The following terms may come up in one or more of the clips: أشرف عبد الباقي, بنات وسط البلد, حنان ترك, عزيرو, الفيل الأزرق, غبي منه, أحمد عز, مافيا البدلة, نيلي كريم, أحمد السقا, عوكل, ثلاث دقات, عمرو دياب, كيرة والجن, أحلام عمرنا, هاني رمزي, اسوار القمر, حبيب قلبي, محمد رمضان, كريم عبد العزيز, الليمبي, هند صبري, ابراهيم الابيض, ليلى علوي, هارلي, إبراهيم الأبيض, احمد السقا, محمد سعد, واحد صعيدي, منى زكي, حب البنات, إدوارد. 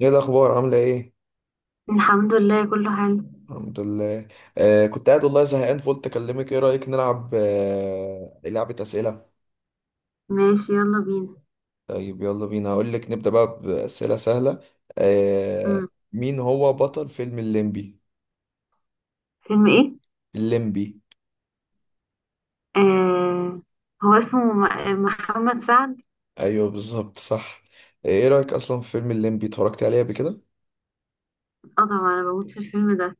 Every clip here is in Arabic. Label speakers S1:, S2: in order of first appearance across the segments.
S1: ايه الاخبار؟ عامله ايه؟
S2: الحمد لله، كله حلو.
S1: الحمد لله. كنت قاعد والله زهقان فقلت اكلمك، ايه رايك نلعب لعبه اسئله؟
S2: ماشي، يلا بينا.
S1: طيب، يلا بينا، هقول لك نبدا بقى باسئله سهله. آه.
S2: مم.
S1: مين هو بطل فيلم الليمبي؟
S2: فيلم ايه؟
S1: الليمبي.
S2: آه، هو اسمه محمد سعد.
S1: ايوه، بالظبط، صح. ايه رايك اصلا في فيلم الليمبي؟ اتفرجت عليه قبل كده؟
S2: اه طبعا، انا بموت في الفيلم ده.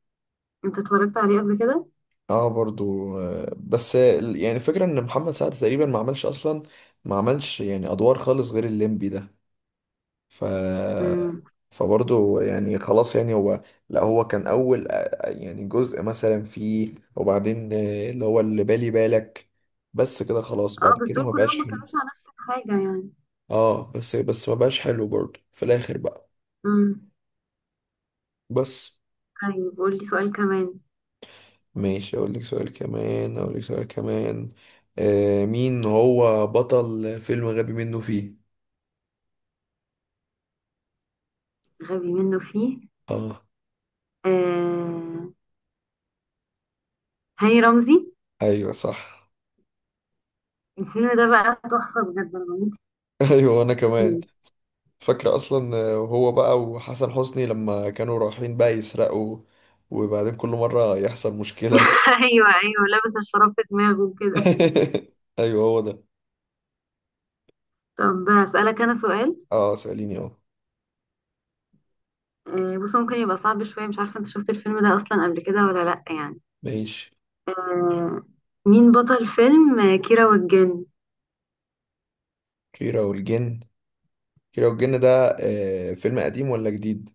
S2: انت اتفرجت عليه قبل كده؟
S1: اه، برضو بس يعني الفكره ان محمد سعد تقريبا ما عملش اصلا. ما عملش يعني ادوار خالص غير الليمبي ده. ف
S2: مم.
S1: فبرضه يعني خلاص، يعني هو، لا، هو كان اول يعني جزء مثلا فيه، وبعدين اللي هو اللي بالي بالك. بس كده خلاص،
S2: اه
S1: بعد
S2: بس
S1: كده
S2: دول
S1: ما
S2: كلهم
S1: بقاش
S2: ما
S1: حلو.
S2: كانوش على نفس الحاجة يعني.
S1: اه، بس ما بقاش حلو برضه في الاخر بقى.
S2: مم.
S1: بس.
S2: طيب قول لي سؤال كمان.
S1: ماشي، اقول لك سؤال كمان، اقول لك سؤال كمان. مين هو بطل فيلم غبي منه فيه؟
S2: غبي منه فيه؟
S1: اه.
S2: آه، هاني رمزي.
S1: ايوه، صح.
S2: الفيلم ده بقى تحفة، بجد انا بموت
S1: ايوه، انا كمان.
S2: فيه.
S1: فاكرة أصلا هو بقى وحسن حسني لما كانوا رايحين بقى يسرقوا، وبعدين كل مرة يحصل مشكلة.
S2: ايوه ايوه، لابس الشراب في دماغه وكده.
S1: أيوه، هو ده.
S2: طب هسألك انا سؤال.
S1: اه، سأليني، اه.
S2: بص، ممكن يبقى صعب شوية، مش عارفة انت شفت الفيلم ده اصلا قبل كده ولا لأ يعني.
S1: ماشي.
S2: آه، مين بطل فيلم كيرة والجن؟
S1: كيرة والجن. كيرة والجن ده فيلم قديم ولا جديد؟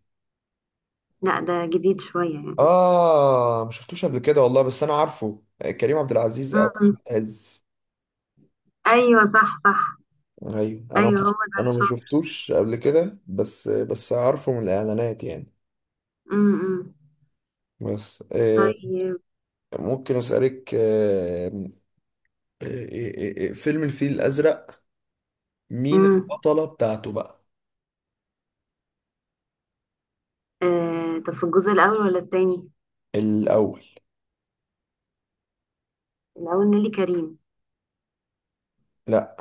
S2: لأ، ده جديد شوية يعني.
S1: اه، مشفتوش قبل كده والله، بس أنا عارفه كريم عبد العزيز أو
S2: امم.
S1: أحمد عز.
S2: ايوه صح صح.
S1: أيوه، أنا.
S2: ايوه هو ده
S1: أنا ما
S2: شاطر.
S1: شفتوش قبل كده، بس عارفه من الإعلانات يعني.
S2: امم.
S1: بس
S2: طيب.
S1: ممكن أسألك فيلم الفيل الأزرق، مين
S2: امم.
S1: البطلة بتاعته بقى؟
S2: طب في الجزء الاول ولا التاني؟
S1: الأول.
S2: الاول نيلي كريم.
S1: لا.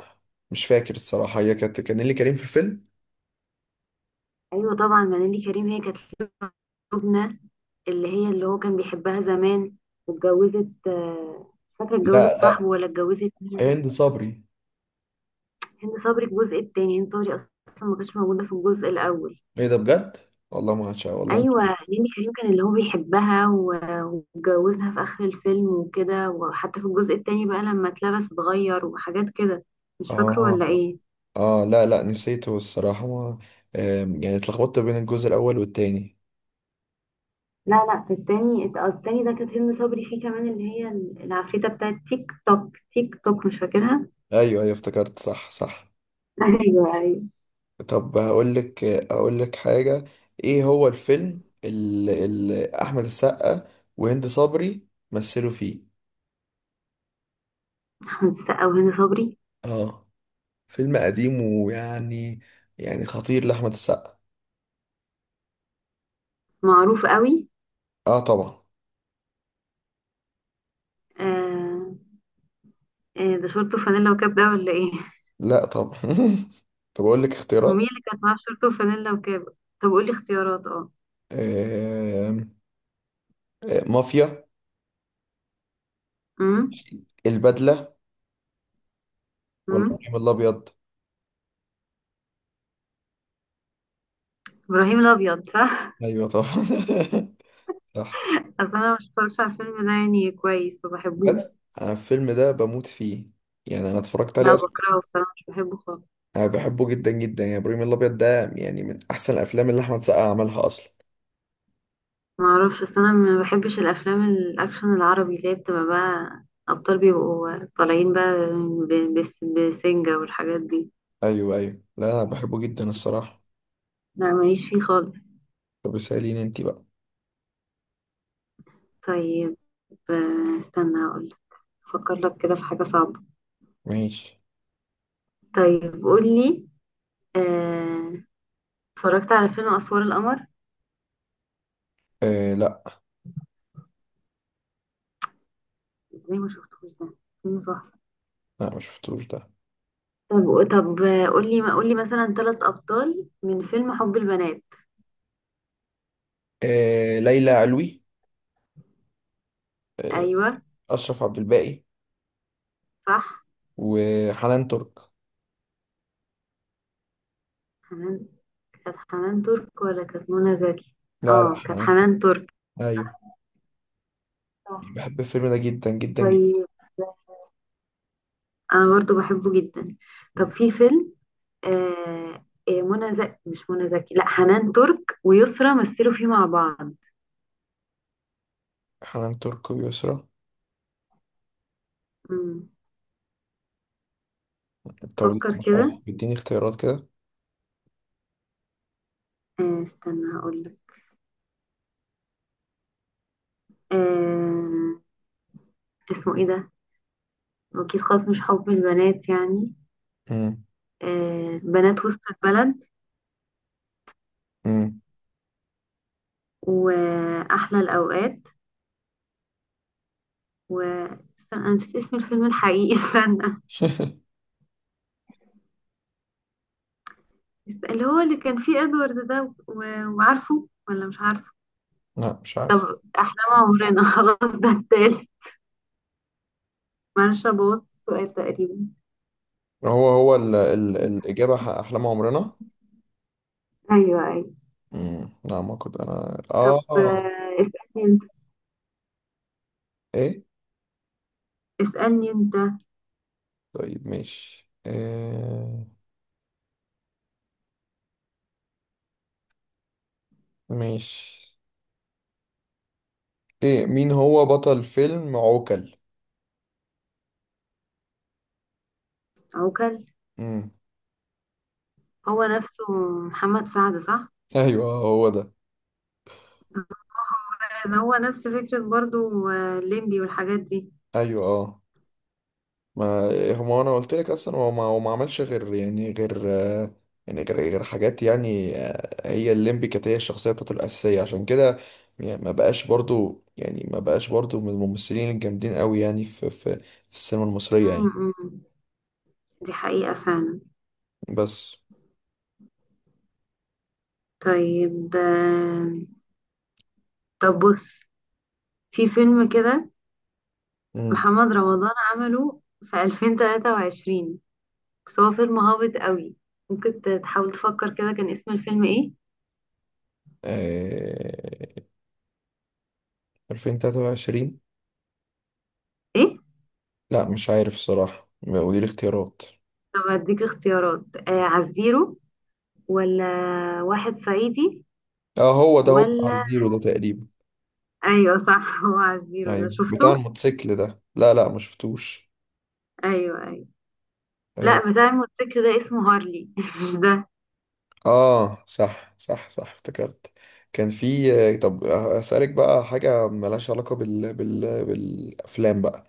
S1: مش فاكر الصراحة، هي كانت كان اللي كريم في الفيلم.
S2: ايوه طبعا، ما نيلي كريم هي كانت لبنى، اللي هي اللي هو كان بيحبها زمان. واتجوزت مش فاكرة
S1: لا،
S2: اتجوزت صاحبه
S1: لا.
S2: ولا اتجوزت مين.
S1: هند صبري.
S2: هند صبري. الجزء التاني هند صبري، اصلا ما كانتش موجوده في الجزء الاول.
S1: ايه ده؟ بجد؟ والله ما عشان والله
S2: ايوه،
S1: مش-
S2: نيلي كريم كان اللي هو بيحبها و- واتجوزها في اخر الفيلم وكده، وحتى في الجزء التاني بقى لما اتلبس اتغير وحاجات كده. مش فاكره ولا
S1: اه،
S2: ايه؟
S1: اه، لا، لا، نسيته الصراحة، ما، يعني اتلخبطت بين الجزء الأول والتاني.
S2: لا لا، في التاني التاني ده كانت هند صبري فيه كمان، اللي هي العفريتة بتاعت تيك توك تيك توك، مش فاكرها؟
S1: ايوه، ايوه، افتكرت، صح، صح.
S2: ايوه ايوه.
S1: طب، هقول لك اقول لك حاجة، ايه هو الفيلم اللي احمد السقا وهند صبري مثلوا فيه؟
S2: احمد السقا وهند صبري؟
S1: اه. فيلم قديم، ويعني، يعني خطير لأحمد السقا.
S2: معروف قوي.
S1: اه، طبعا.
S2: آه. آه، ده شورت وفانيلا وكاب ده ولا ايه؟
S1: لا، طبعا. طب، اقول لك
S2: ومين
S1: اختيارات.
S2: اللي كانت معاه بشورت وفانيلا وكاب؟ طب قولي اختيارات، اه.
S1: آم، آه، مافيا،
S2: امم.
S1: البدلة، ولا
S2: امم.
S1: ابراهيم الابيض؟
S2: ابراهيم الابيض صح.
S1: ايوه، طبعا. صح.
S2: اصل انا مش بتفرجش على الفيلم ده يعني كويس، ما بحبوش.
S1: بجد؟ انا الفيلم ده بموت فيه، يعني انا اتفرجت
S2: لا
S1: عليه اصلا.
S2: بكرهه بصراحه، مش بحبه خالص.
S1: انا بحبه جدا جدا، يعني ابراهيم الابيض ده يعني من احسن الافلام اللي احمد سقا عملها اصلا.
S2: ما اعرفش، اصل انا ما بحبش الافلام الاكشن العربي اللي هي بتبقى بقى ابطال بيبقوا طالعين بقى بسنجة والحاجات دي.
S1: ايوه، ايوه، لا، انا بحبه جدا الصراحة.
S2: لا ماليش فيه خالص.
S1: طب، اساليني انت بقى.
S2: طيب، استنى اقول. افكر لك كده في حاجه صعبه.
S1: ماشي.
S2: طيب قولي. آه، اتفرجت على فيلم اسوار القمر؟
S1: لا،
S2: ازاي ما شفتوش ده، فيلم تحفة.
S1: لا، ما شفتوش ده.
S2: طب طب، قولي ما قولي مثلا ثلاث ابطال من فيلم حب البنات.
S1: ليلى علوي،
S2: ايوه
S1: أشرف عبد الباقي،
S2: صح.
S1: وحنان ترك.
S2: حنان. كانت حنان ترك ولا كانت منى زكي؟
S1: لا، لا،
S2: اه كانت
S1: حنان ترك.
S2: حنان ترك.
S1: أيوه.
S2: صح.
S1: بحب الفيلم ده جدا جدا جدا.
S2: طيب. انا برضو بحبه جدا. طب في فيلم منى زكي، مش منى زكي، لا، حنان ترك ويسرا مثلوا فيه مع بعض.
S1: حنان ترك ويسرا.
S2: مم.
S1: طب، لا،
S2: فكر
S1: مش عارف،
S2: كده.
S1: اديني اختيارات كده.
S2: آه استنى هقول لك. آه، اسمه ايه ده؟ واكيد خلاص مش حب البنات يعني.
S1: مم.
S2: آه، بنات وسط البلد،
S1: مم.
S2: وأحلى الأوقات، و استنى، أنا نسيت اسم الفيلم الحقيقي. استنى. اللي هو اللي كان فيه إدوارد ده و- وعارفه ولا مش عارفه.
S1: لا، مش عارف.
S2: طب احنا مع عمرنا. خلاص، ده التالت. معلش، أبوظ السؤال تقريبا.
S1: هو ال الإجابة أحلام عمرنا.
S2: أيوه أيوه.
S1: مم. لا، ما كنت أنا
S2: طب،
S1: آه
S2: اسألني أنت.
S1: إيه؟
S2: اسألني أنت.
S1: طيب، ماشي. ماشي. إيه، مين هو بطل فيلم عوكل؟
S2: عوكل؟
S1: مم.
S2: هو نفسه محمد سعد صح؟
S1: أيوه، هو ده.
S2: ده هو نفس فكرة برضو الليمبي والحاجات دي.
S1: أيوه. ما هو انا قلت لك اصلا، هو ما هو ما عملش غير، يعني غير يعني غير حاجات، يعني هي الليمبي كانت هي الشخصيه بتاعته الاساسيه عشان كده. يعني ما بقاش برضو، يعني ما بقاش برضو من الممثلين الجامدين قوي يعني في السينما المصريه يعني.
S2: م- م. دي حقيقة فعلا.
S1: بس.
S2: طيب، طب بص، في فيلم كده
S1: امم
S2: محمد رمضان عمله في 2023، بس هو فيلم هابط قوي. ممكن تحاول تفكر كده كان اسم الفيلم ايه.
S1: آه 2023؟
S2: ايه.
S1: لا، مش عارف الصراحه، قولي لي اختيارات.
S2: طب اديك اختيارات، آه، عزيرو، ولا واحد صعيدي،
S1: اه، هو ده، هو بتاع
S2: ولا
S1: زيرو ده تقريبا.
S2: ايوه صح. هو عزيرو ده
S1: ايوه، بتاع
S2: شفته؟
S1: الموتوسيكل ده، لا، لا، ما شفتوش.
S2: ايوه ايوه.
S1: آه،
S2: لا، بتاع الموتوسيكل ده اسمه هارلي. مش ده.
S1: اه، صح، صح، صح، افتكرت. كان في طب، اسالك بقى حاجه ملهاش علاقه بالافلام بقى.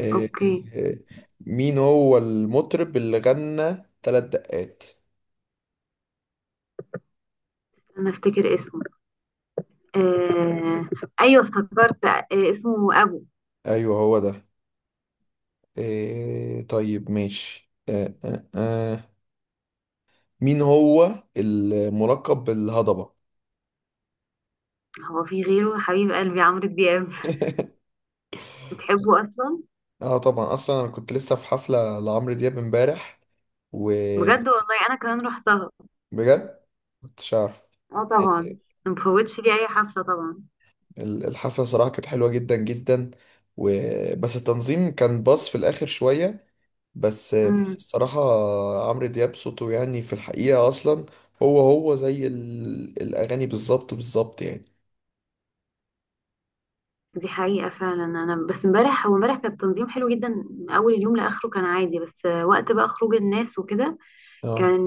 S1: آه،
S2: اوكي.
S1: آه، مين هو المطرب اللي غنى ثلاث دقات؟
S2: انا افتكر اسمه. آه... ايوه افتكرت، اسمه ابو.
S1: ايوه، هو ده. طيب، ماشي. مين هو الملقب بالهضبه؟
S2: هو في غيره حبيب قلبي عمرو دياب؟ بتحبه اصلا؟
S1: اه، طبعا، اصلا انا كنت لسه في حفله لعمرو دياب امبارح، وبجد.
S2: بجد والله انا كمان رحتها.
S1: كنتش عارف؟
S2: اه طبعا، ما بفوتش لي اي حفله طبعا.
S1: الحفلة صراحة كانت حلوة جدا جدا. و... بس التنظيم كان باص في الآخر شوية. بس،
S2: امم.
S1: الصراحة، عمرو دياب صوته يعني في الحقيقة أصلا، هو زي الأغاني، بالظبط بالظبط، يعني.
S2: دي حقيقه فعلا. انا بس امبارح، هو امبارح كان التنظيم حلو جدا من اول اليوم لاخره، كان عادي، بس وقت بقى خروج الناس وكده
S1: اه.
S2: كان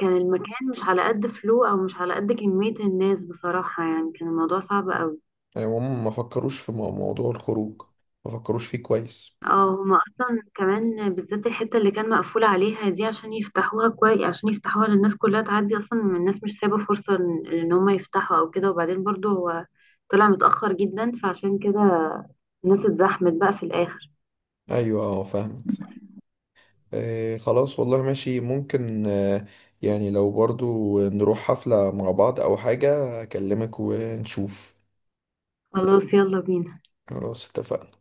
S2: كان المكان مش على قد فلو او مش على قد كميه الناس بصراحه، يعني كان الموضوع صعب قوي.
S1: يعني هم ما فكروش في موضوع الخروج، ما فكروش فيه كويس.
S2: اه هما اصلا كمان بالذات الحته اللي كان مقفول عليها دي، عشان يفتحوها كويس عشان يفتحوها للناس كلها تعدي، اصلا الناس مش سايبه فرصه إن هما يفتحوا او كده، وبعدين برضو هو طلع متاخر جدا، فعشان كده الناس اتزحمت بقى في الاخر.
S1: أيوة، اه، فاهمك، صح. خلاص، والله ماشي، ممكن. يعني لو برضو نروح حفلة مع بعض أو حاجة، أكلمك ونشوف.
S2: خلاص يلا بينا.
S1: خلاص، اتفقنا.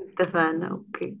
S2: اتفقنا اوكي.